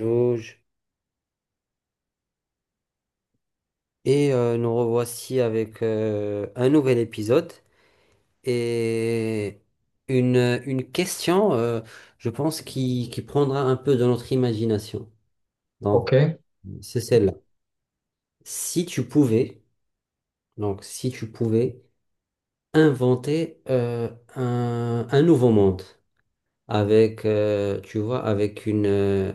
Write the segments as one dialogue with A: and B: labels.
A: Jauge. Nous revoici avec un nouvel épisode et une question, je pense, qui prendra un peu de notre imagination. Donc,
B: Ok,
A: c'est celle-là. Si tu pouvais, donc, si tu pouvais inventer un nouveau monde avec, tu vois, avec une, euh,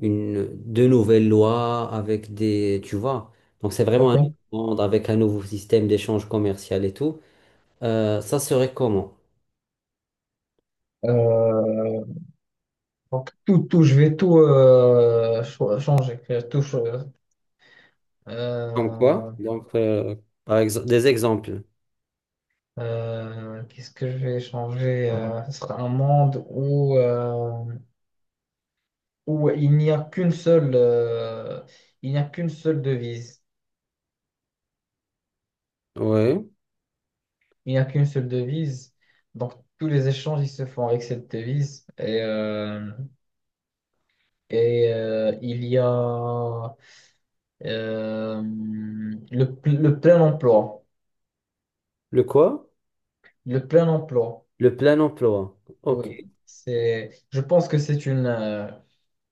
A: une, de nouvelles lois, avec des, tu vois, donc c'est vraiment un
B: ok.
A: nouveau monde avec un nouveau système d'échange commercial et tout. Ça serait comment?
B: Euh, donc je vais tout changer. Je vais
A: Comme
B: euh,
A: quoi? Donc, par exemple, des exemples.
B: qu'est-ce que je vais changer? Ce sera un monde où il n'y a qu'une seule, il n'y a qu'une seule devise.
A: Oui.
B: Il n'y a qu'une seule devise. Donc tous les échanges ils se font avec cette devise. Et il y a euh, le plein emploi.
A: Le quoi?
B: Le plein emploi,
A: Le plein emploi. Ok.
B: oui. Je pense que c'est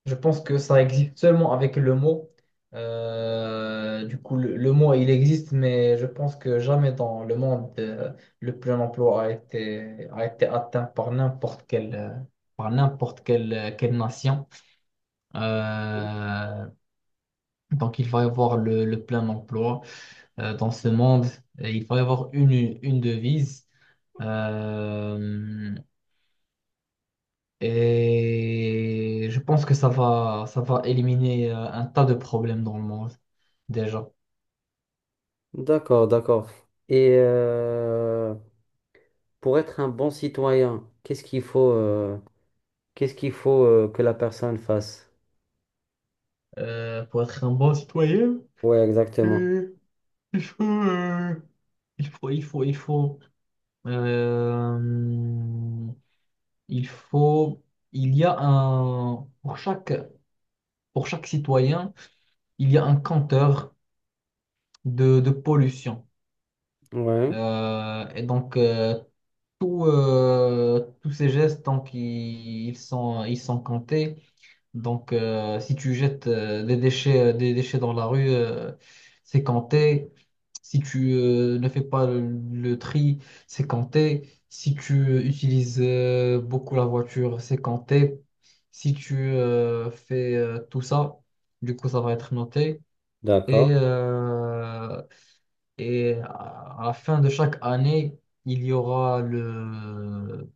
B: je pense que ça existe seulement avec le mot. Du coup, le mot, il existe, mais je pense que jamais dans le monde, le plein emploi a a été atteint par n'importe par n'importe quelle nation. Euh, donc, il va y avoir le plein emploi, dans ce monde. Et il va y avoir une devise. Euh, Et je pense que ça va éliminer un tas de problèmes dans le monde, déjà.
A: D'accord, d'accord. Et pour être un bon citoyen, qu'est-ce qu'il faut que la personne fasse?
B: Pour être un bon citoyen,
A: Oui, exactement.
B: euh, il faut, il faut, il faut, il faut, euh, il faut, il y a pour chaque citoyen, il y a un compteur de pollution.
A: Oui.
B: Et donc, tous ces gestes, donc, ils sont, ils sont comptés. Donc, si tu jettes des déchets dans la rue, c'est compté. Si tu ne fais pas le tri, c'est compté. Si tu utilises beaucoup la voiture, c'est compté. Si tu fais tout ça, du coup, ça va être noté. Et,
A: D'accord.
B: euh, et à la fin de chaque année, il y aura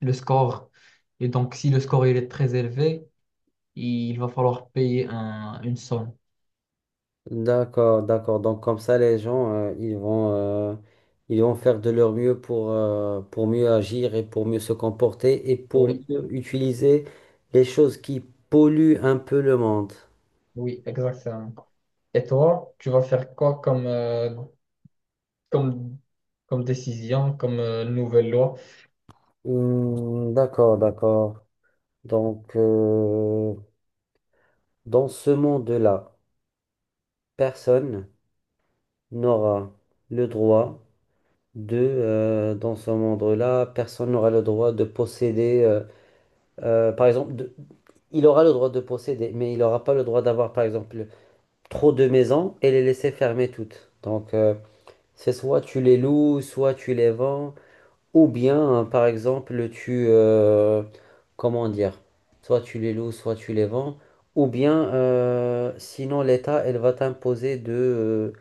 B: le score. Et donc, si le score il est très élevé, il va falloir payer une somme.
A: D'accord, d'accord. Donc comme ça, les gens, ils vont faire de leur mieux pour mieux agir et pour mieux se comporter et pour
B: Oui,
A: mieux utiliser les choses qui polluent un peu le monde.
B: oui, exactement. Et toi, tu vas faire quoi comme comme décision, comme nouvelle loi?
A: Hmm, d'accord, d'accord. Donc dans ce monde-là, personne n'aura le droit de, dans ce monde-là, personne n'aura le droit de posséder. Par exemple, de- il aura le droit de posséder, mais il n'aura pas le droit d'avoir, par exemple, trop de maisons et les laisser fermer toutes. Donc, c'est soit tu les loues, soit tu les vends, ou bien, hein, par exemple, tu... comment dire? Soit tu les loues, soit tu les vends, ou bien, sinon l'État, elle va t'imposer de, euh,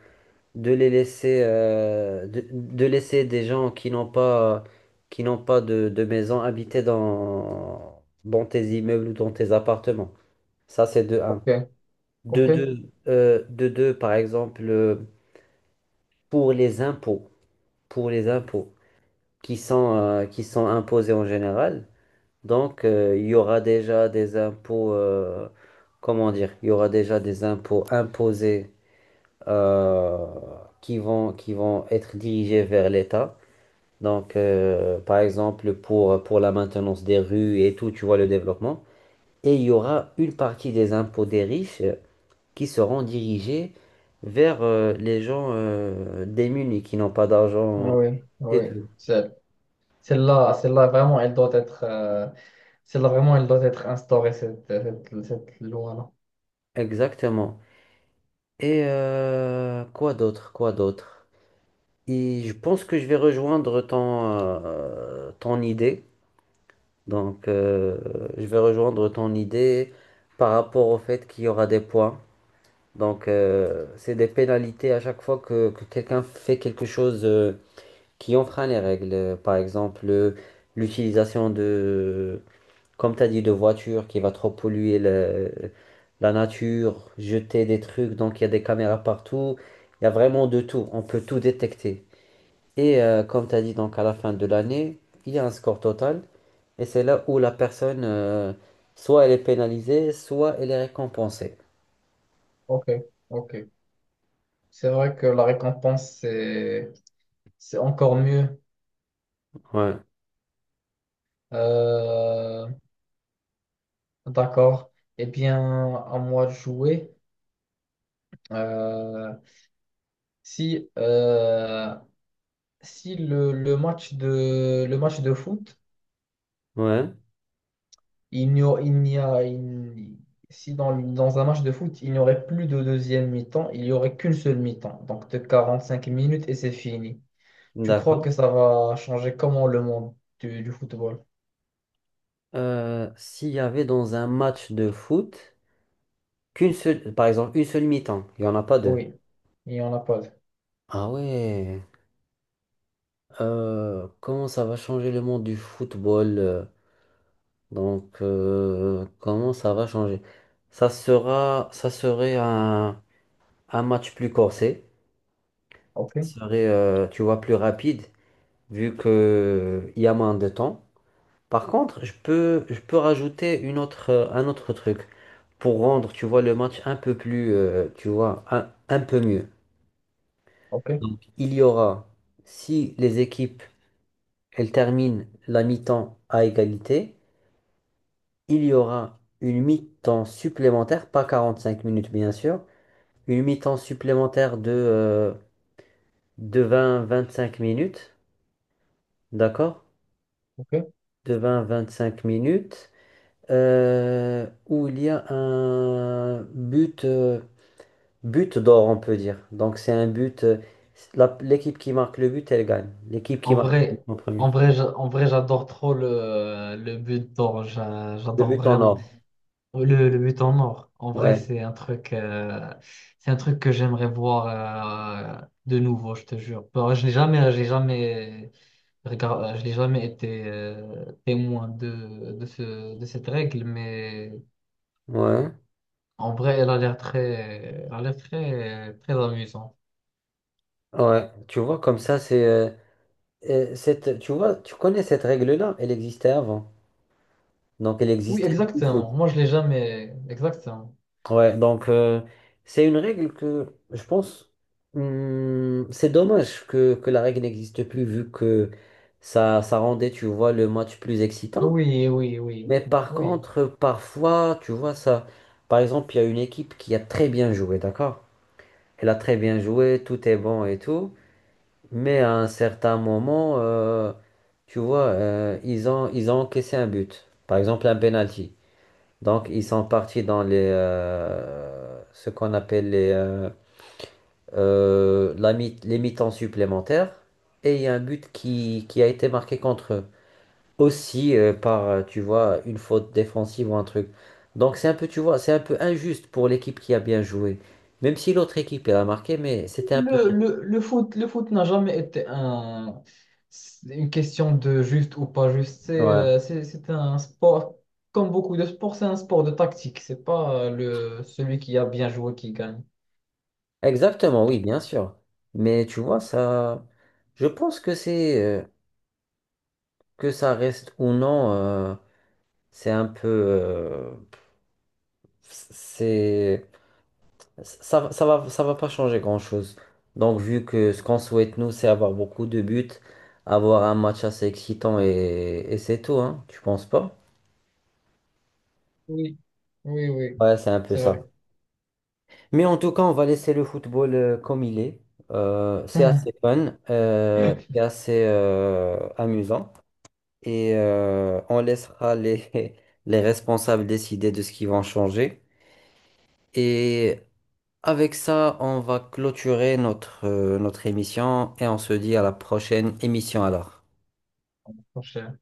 A: de les laisser euh, de, de laisser des gens qui n'ont pas de maison habiter dans tes immeubles ou dans tes appartements. Ça, c'est de un.
B: Ok,
A: De
B: ok.
A: deux, par exemple, pour les impôts, pour les impôts qui sont imposés en général. Donc, il y aura déjà des impôts. Comment dire, il y aura déjà des impôts imposés euh, qui vont être dirigés vers l'État. Donc, par exemple, pour la maintenance des rues et tout, tu vois, le développement. Et il y aura une partie des impôts des riches qui seront dirigés vers les gens démunis qui n'ont pas
B: Ah
A: d'argent
B: oui, ah
A: et
B: oui.
A: tout.
B: C'est- Celle-là, celle-là, vraiment, elle doit être, celle-là, vraiment, elle doit être instaurée, cette loi-là.
A: Exactement. Et quoi d'autre? Quoi d'autre? Et je pense que je vais rejoindre ton, ton idée. Donc, je vais rejoindre ton idée par rapport au fait qu'il y aura des points. Donc, c'est des pénalités à chaque fois que quelqu'un fait quelque chose qui enfreint les règles. Par exemple, l'utilisation de, comme tu as dit, de voitures qui va trop polluer le- la nature, jeter des trucs. Donc, il y a des caméras partout. Il y a vraiment de tout. On peut tout détecter. Et comme tu as dit, donc à la fin de l'année, il y a un score total. Et c'est là où la personne, soit elle est pénalisée, soit elle est récompensée.
B: Ok, ok. C'est vrai que la récompense, c'est encore mieux.
A: Ouais,
B: Euh, d'accord. Eh bien, à moi de jouer. Euh, si, euh, Si le match de foot,
A: ouais,
B: il n'y a, il n'y a, il- si dans, dans un match de foot, il n'y aurait plus de deuxième mi-temps, il n'y aurait qu'une seule mi-temps, donc de 45 minutes et c'est fini. Tu crois
A: d'accord.
B: que ça va changer comment le monde du football?
A: S'il y avait dans un match de foot qu'une seule, par exemple, une seule mi-temps, il n'y en a pas deux.
B: Oui, il n'y en a pas.
A: Ah ouais, comment ça va changer le monde du football? Donc, comment ça va changer? Ça serait un match plus corsé,
B: Ok,
A: ça serait, tu vois, plus rapide, vu que il y a moins de temps. Par contre, je peux rajouter une autre, un autre truc pour rendre, tu vois, le match un peu plus, tu vois, un peu mieux.
B: ok,
A: Il y aura, si les équipes, elles terminent la mi-temps à égalité, il y aura une mi-temps supplémentaire, pas 45 minutes bien sûr, une mi-temps supplémentaire de 20 à 25 minutes, d'accord?
B: ok.
A: De 20 à 25 minutes, où il y a un but. But d'or, on peut dire. Donc, c'est un but. L'équipe qui marque le but, elle gagne. L'équipe qui
B: En
A: marque le but
B: vrai,
A: en premier.
B: en vrai, j'adore trop le but d'or.
A: Le
B: J'adore
A: but en
B: vraiment.
A: or.
B: Le but en or, en vrai,
A: Ouais,
B: c'est un truc, c'est un truc que j'aimerais voir de nouveau, je te jure. Bon, je n'ai jamais, j'ai jamais, je n'ai jamais été témoin de cette règle, mais
A: ouais,
B: en vrai, elle a l'air très, très amusante.
A: ouais. Tu vois, comme ça, c'est. Cette, tu vois, tu connais cette règle-là, elle existait avant. Donc, elle
B: Oui,
A: existait dans le foot.
B: exactement. Moi, je l'ai jamais. Exactement.
A: Ouais, donc, c'est une règle que je pense. Hum, c'est dommage que la règle n'existe plus, vu que ça rendait, tu vois, le match plus excitant.
B: Oui, oui, oui,
A: Mais par
B: oui.
A: contre, parfois, tu vois ça. Par exemple, il y a une équipe qui a très bien joué, d'accord? Elle a très bien joué, tout est bon et tout. Mais à un certain moment, tu vois, ils ont encaissé un but. Par exemple, un penalty. Donc, ils sont partis dans les, ce qu'on appelle les, les mi-temps supplémentaires. Et il y a un but qui a été marqué contre eux aussi par, tu vois, une faute défensive ou un truc. Donc c'est un peu, tu vois, c'est un peu injuste pour l'équipe qui a bien joué. Même si l'autre équipe elle a marqué, mais c'était un peu...
B: Le foot, le foot n'a jamais été une question de juste ou pas juste.
A: Ouais.
B: C'est un sport, comme beaucoup de sports, c'est un sport de tactique. C'est pas celui qui a bien joué qui gagne.
A: Exactement, oui, bien sûr. Mais tu vois, ça... Je pense que c'est... que ça reste ou non, c'est un peu... c'est... ça va pas changer grand-chose. Donc, vu que ce qu'on souhaite, nous, c'est avoir beaucoup de buts, avoir un match assez excitant et c'est tout, hein. Tu penses pas?
B: Oui, oui, oui,
A: Ouais, c'est un peu
B: c'est
A: ça.
B: vrai.
A: Mais en tout cas, on va laisser le football comme il est. C'est assez fun, c'est assez amusant. Et on laissera les, les responsables décider de ce qu'ils vont changer. Et avec ça, on va clôturer notre, notre émission et on se dit à la prochaine émission alors.
B: Mon cher